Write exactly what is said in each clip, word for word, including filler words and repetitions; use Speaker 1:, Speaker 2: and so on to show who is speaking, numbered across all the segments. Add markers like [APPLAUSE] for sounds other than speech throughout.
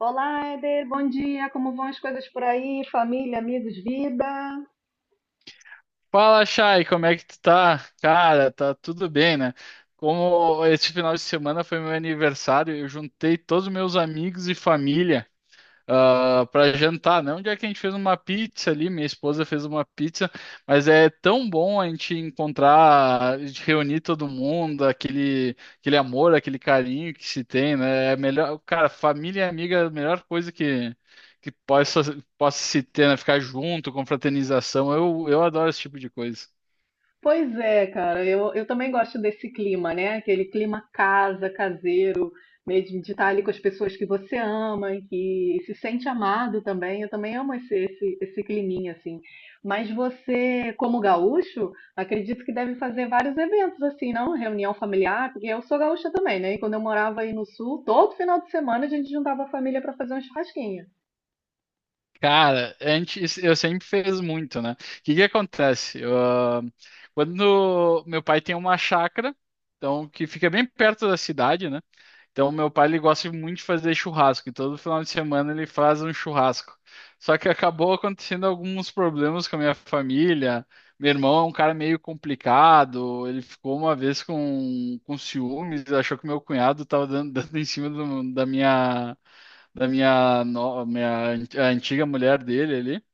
Speaker 1: Olá, Eder, bom dia. Como vão as coisas por aí? Família, amigos, vida?
Speaker 2: Fala, Chay, como é que tu tá? Cara, tá tudo bem, né? Como esse final de semana foi meu aniversário, eu juntei todos os meus amigos e família ah, para jantar, né? Um dia que a gente fez uma pizza ali, minha esposa fez uma pizza, mas é tão bom a gente encontrar, a gente reunir todo mundo, aquele, aquele amor, aquele carinho que se tem, né? É melhor, cara, família e amiga é a melhor coisa que, que possa, possa se ter, né? Ficar junto, confraternização. Eu, eu adoro esse tipo de coisa.
Speaker 1: Pois é, cara, eu, eu também gosto desse clima, né? Aquele clima casa, caseiro, mesmo de estar ali com as pessoas que você ama e que se sente amado também. Eu também amo esse, esse, esse climinha, assim. Mas você, como gaúcho, acredito que deve fazer vários eventos, assim, não? Reunião familiar, porque eu sou gaúcha também, né? E quando eu morava aí no sul, todo final de semana a gente juntava a família para fazer um churrasquinho.
Speaker 2: Cara, antes eu sempre fiz muito, né? O que que acontece? Eu, ah, quando meu pai tem uma chácara, então que fica bem perto da cidade, né? Então meu pai ele gosta muito de fazer churrasco, e todo final de semana ele faz um churrasco. Só que acabou acontecendo alguns problemas com a minha família. Meu irmão é um cara meio complicado, ele ficou uma vez com, com ciúmes, achou que meu cunhado estava dando, [LAUGHS] dando em cima do- da minha da minha, no- minha an- a antiga mulher dele ali,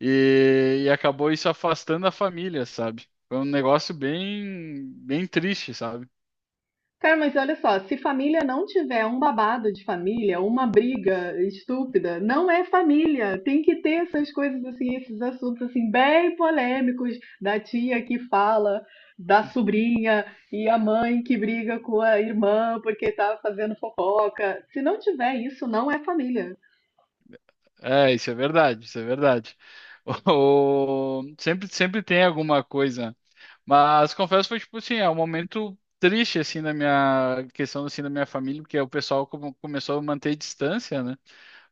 Speaker 2: e, e acabou isso afastando a família, sabe? Foi um negócio bem, bem triste, sabe?
Speaker 1: Cara, mas olha só, se família não tiver um babado de família, uma briga estúpida, não é família. Tem que ter essas coisas assim, esses assuntos assim bem polêmicos da tia que fala, da sobrinha e a mãe que briga com a irmã porque tá fazendo fofoca. Se não tiver isso, não é família.
Speaker 2: É, isso é verdade, isso é verdade. [LAUGHS] O, sempre, sempre tem alguma coisa, mas confesso que foi tipo assim, é um momento triste assim na minha questão assim da minha família, porque o pessoal come- começou a manter distância, né?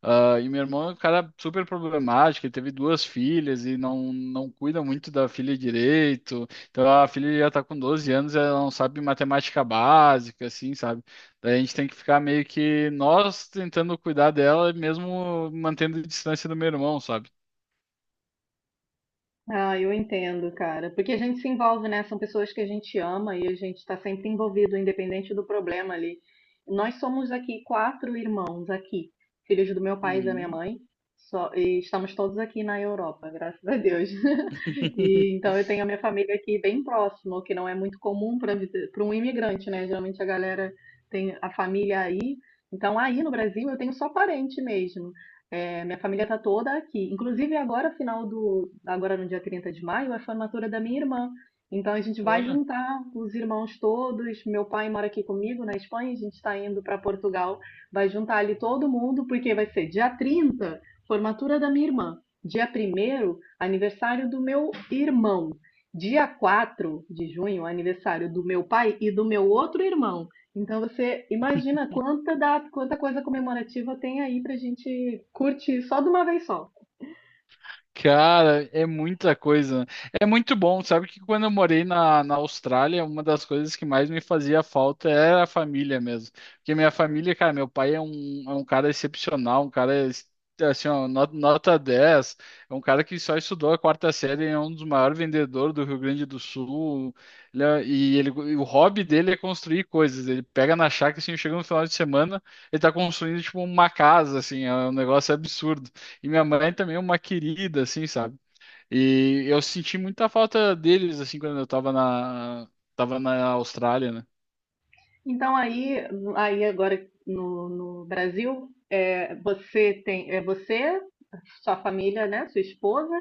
Speaker 2: Ah, e meu irmão é um cara super problemático, ele teve duas filhas e não, não cuida muito da filha direito. Então a filha já tá com doze anos, ela não sabe matemática básica, assim, sabe? Daí a gente tem que ficar meio que nós tentando cuidar dela, mesmo mantendo a distância do meu irmão, sabe?
Speaker 1: Ah, eu entendo, cara. Porque a gente se envolve, né? São pessoas que a gente ama e a gente está sempre envolvido, independente do problema ali. Nós somos aqui quatro irmãos aqui, filhos do meu pai e da minha
Speaker 2: Uhum.
Speaker 1: mãe. Só, e estamos todos aqui na Europa, graças a Deus. [LAUGHS] E
Speaker 2: [LAUGHS]
Speaker 1: então eu tenho a minha família aqui bem próximo, o que não é muito comum para para um imigrante, né? Geralmente a galera tem a família aí. Então aí no Brasil eu tenho só parente mesmo. É, minha família tá toda aqui. Inclusive, agora, final do, agora no dia trinta de maio, é a formatura da minha irmã. Então, a gente vai
Speaker 2: Olha.
Speaker 1: juntar os irmãos todos. Meu pai mora aqui comigo na Espanha, a gente está indo para Portugal. Vai juntar ali todo mundo, porque vai ser dia trinta, formatura da minha irmã. Dia primeiro, aniversário do meu irmão. Dia quatro de junho, aniversário do meu pai e do meu outro irmão. Então você imagina quanta, data, quanta coisa comemorativa tem aí pra gente curtir só de uma vez só.
Speaker 2: Cara, é muita coisa. É muito bom. Sabe que quando eu morei na, na Austrália, uma das coisas que mais me fazia falta era a família mesmo. Porque minha família, cara, meu pai é um, é um cara excepcional, um cara es- assim, ó, no- nota dez. É um cara que só estudou a quarta série, é um dos maiores vendedores do Rio Grande do Sul. Ele é- e ele, e o hobby dele é construir coisas. Ele pega na chácara, assim, chega no final de semana, ele tá construindo, tipo, uma casa, assim, é um negócio absurdo. E minha mãe também é uma querida, assim, sabe? E eu senti muita falta deles, assim, quando eu tava na, tava na Austrália, né?
Speaker 1: Então aí, aí agora no, no Brasil, é, você tem é você, sua família, né, sua esposa,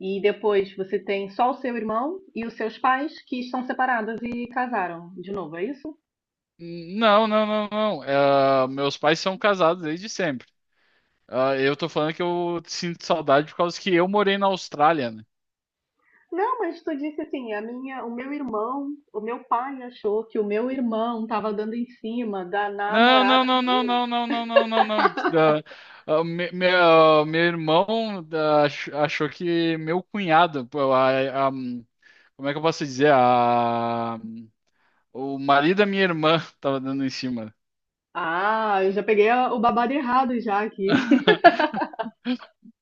Speaker 1: e depois você tem só o seu irmão e os seus pais que estão separados e casaram de novo, é isso?
Speaker 2: Não, não, não, não. Eh, meus pais são casados desde sempre. Ah, eu tô falando que eu sinto saudade por causa que eu morei na Austrália, né?
Speaker 1: Não, mas tu disse assim, a minha, o meu irmão, o meu pai achou que o meu irmão estava dando em cima da
Speaker 2: Não,
Speaker 1: namorada
Speaker 2: não, não, não,
Speaker 1: dele.
Speaker 2: não, não, não, não, não, não. Da- ah, me- me- ah, meu irmão da- ach- achou que meu cunhado, pô, a- a- como é que eu posso dizer? O marido da minha irmã tava dando em cima.
Speaker 1: Ah, eu já peguei a- o babado errado já aqui.
Speaker 2: [LAUGHS]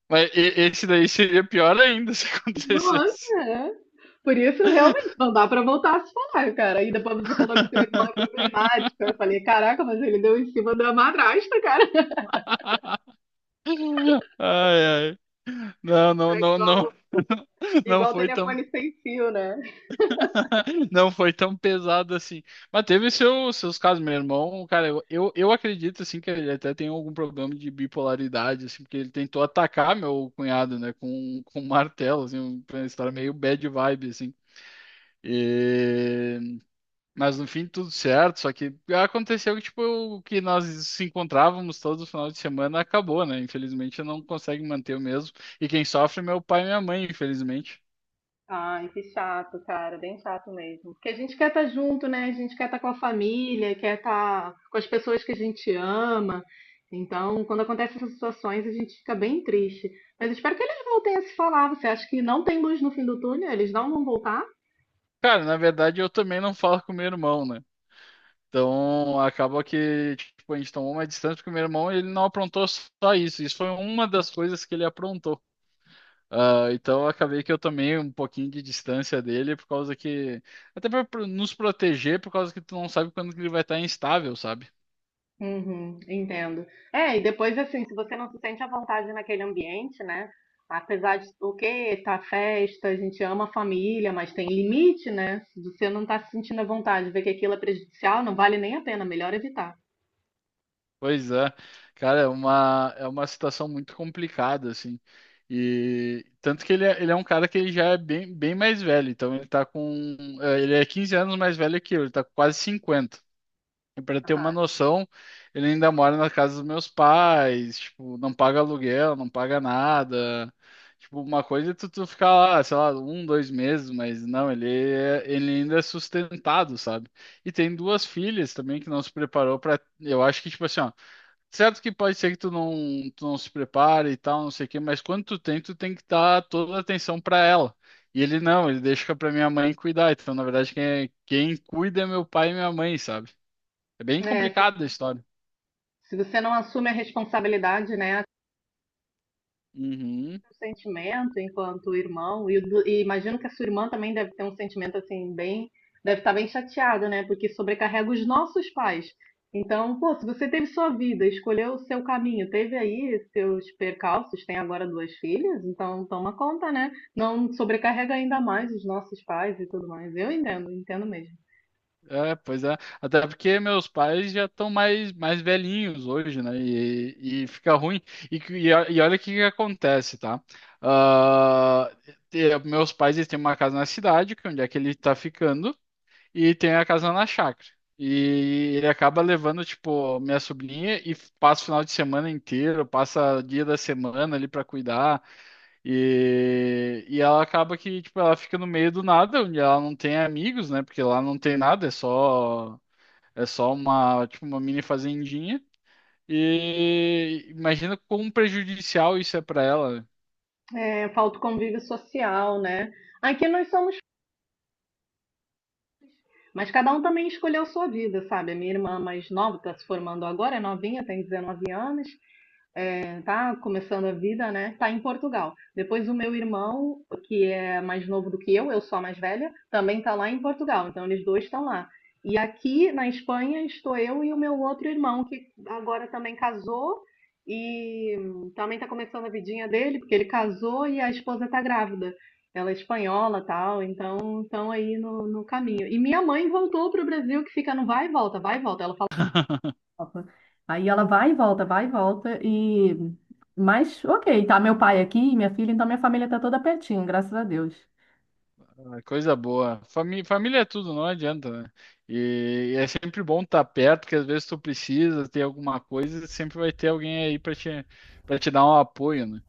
Speaker 2: Mas e- esse daí seria pior ainda se
Speaker 1: [LAUGHS]
Speaker 2: acontecesse.
Speaker 1: Nossa, é. Por isso, realmente, não dá pra voltar a se falar, cara. E depois você falou que sua irmã é problemática. Eu
Speaker 2: [LAUGHS]
Speaker 1: falei, caraca, mas ele deu em cima da madrasta, cara. [LAUGHS]
Speaker 2: Ai, ai. Não, não,
Speaker 1: É
Speaker 2: não, não.
Speaker 1: igual,
Speaker 2: [LAUGHS] Não
Speaker 1: igual
Speaker 2: foi tão,
Speaker 1: telefone sem fio, né?
Speaker 2: [LAUGHS] não foi tão pesado assim. Mas teve seu, seus casos, meu irmão. Cara, eu, eu, eu acredito assim que ele até tem algum problema de bipolaridade, assim, porque ele tentou atacar meu cunhado, né, com, com um martelo, assim, uma história meio bad vibe, assim. E... Mas no fim tudo certo, só que aconteceu que tipo o que nós se encontrávamos todo final de semana acabou, né? Infelizmente eu não consigo manter o mesmo. E quem sofre é meu pai e minha mãe, infelizmente.
Speaker 1: Ai, que chato, cara, bem chato mesmo. Porque a gente quer estar junto, né? A gente quer estar com a família, quer estar com as pessoas que a gente ama. Então, quando acontecem essas situações, a gente fica bem triste. Mas eu espero que eles voltem a se falar. Você acha que não tem luz no fim do túnel? Eles não vão voltar?
Speaker 2: Cara, na verdade eu também não falo com meu irmão, né? Então acaba que tipo a gente tomou uma distância porque meu irmão ele não aprontou só isso. Isso foi uma das coisas que ele aprontou. Ah, então eu acabei que eu tomei um pouquinho de distância dele por causa que. Até pra pro- nos proteger, por causa que tu não sabe quando que ele vai estar instável, sabe?
Speaker 1: Uhum, entendo. É, e depois, assim, se você não se sente à vontade naquele ambiente, né? Apesar de o que tá festa, a gente ama a família, mas tem limite, né? Se você não tá se sentindo à vontade, ver que aquilo é prejudicial, não vale nem a pena, melhor evitar.
Speaker 2: Pois é. Cara, é uma, é uma situação muito complicada, assim. E tanto que ele é, ele é um cara que ele já é bem, bem mais velho. Então ele tá com. Eh, ele é quinze anos mais velho que eu, ele tá com quase cinquenta. Para ter uma
Speaker 1: Aham.
Speaker 2: noção, ele ainda mora na casa dos meus pais, tipo, não paga aluguel, não paga nada. Tipo, uma coisa é tu, tu ficar lá, sei lá, um, dois meses, mas não, ele, é- ele ainda é sustentado, sabe? E tem duas filhas também que não se preparou para, eu acho que tipo assim, ó, certo que pode ser que tu não, tu não se prepare e tal, não sei o quê, mas quando tu tem, tu tem que dar toda a atenção para ela. E ele não, ele deixa pra minha mãe cuidar. Então, na verdade, quem, é- quem cuida é meu pai e minha mãe, sabe? É bem
Speaker 1: É, se,
Speaker 2: complicada a história.
Speaker 1: se você não assume a responsabilidade, né?
Speaker 2: Uhum.
Speaker 1: Um sentimento enquanto irmão, e, o do- e imagino que a sua irmã também deve ter um sentimento assim, bem. Deve estar bem chateada, né? Porque sobrecarrega os nossos pais. Então, pô, se você teve sua vida, escolheu o seu caminho, teve aí seus percalços, tem agora duas filhas, então toma conta, né? Não sobrecarrega ainda mais os nossos pais e tudo mais. Eu entendo, entendo mesmo.
Speaker 2: É, pois é. Até porque meus pais já estão mais, mais velhinhos hoje, né? E, e fica ruim. E, que- e, o- e olha o que que acontece, tá? Ah, te- Meus pais eles têm uma casa na cidade, que é onde é que ele tá ficando, e tem a casa na chácara. E ele acaba levando, tipo, minha sobrinha e passa o final de semana inteiro, passa dia da semana ali para cuidar. E, e ela acaba que, tipo, ela fica no meio do nada, onde ela não tem amigos, né? Porque lá não tem nada, é só, é só uma, tipo, uma mini fazendinha. E imagina quão prejudicial isso é pra ela.
Speaker 1: É, falta o convívio social, né? Aqui nós somos. Mas cada um também escolheu sua vida, sabe? A minha irmã mais nova está se formando agora, é novinha, tem dezenove anos, é, tá começando a vida, né? Tá em Portugal. Depois o meu irmão, que é mais novo do que eu, eu sou a mais velha, também tá lá em Portugal. Então eles dois estão lá. E aqui na Espanha estou eu e o meu outro irmão, que agora também casou e também tá começando a vidinha dele, porque ele casou e a esposa tá grávida. Ela é espanhola, tal, então estão aí no, no caminho. E minha mãe voltou pro Brasil, que fica no vai e volta, vai e volta. Ela Copa. Aí ela vai e volta, vai e volta e mas ok, tá meu pai aqui, e minha filha, então minha família tá toda pertinho, graças a Deus.
Speaker 2: Né? É coisa boa. Famí família é tudo, não adianta, né? E, e é sempre bom estar perto, porque às vezes tu precisa ter alguma coisa, sempre vai ter alguém aí pra te, para te dar um apoio, né?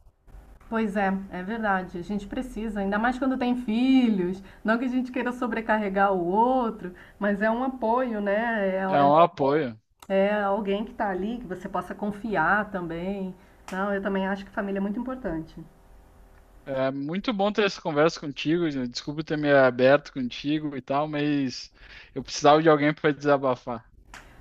Speaker 1: Pois é, é verdade. A gente precisa, ainda mais quando tem filhos. Não que a gente queira sobrecarregar o outro, mas é um apoio, né? É,
Speaker 2: É um apoio.
Speaker 1: é- é alguém que tá ali, que você possa confiar também. Não, eu também acho que família é muito importante.
Speaker 2: É muito bom ter essa conversa contigo, Jean. Desculpa ter me aberto contigo e tal, mas eu precisava de alguém para desabafar.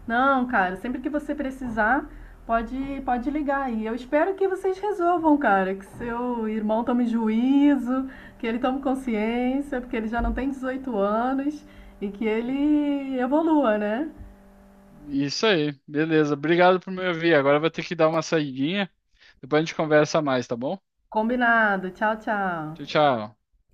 Speaker 1: Não, cara, sempre que você precisar, pode, pode ligar aí. Eu espero que vocês resolvam, cara, que seu irmão tome juízo, que ele tome consciência, porque ele já não tem dezoito anos e que ele evolua, né?
Speaker 2: Isso aí, beleza. Obrigado por me ouvir. Agora eu vou ter que dar uma saidinha. Depois a gente conversa mais, tá bom?
Speaker 1: Combinado. Tchau,
Speaker 2: Tchau,
Speaker 1: tchau.
Speaker 2: tchau.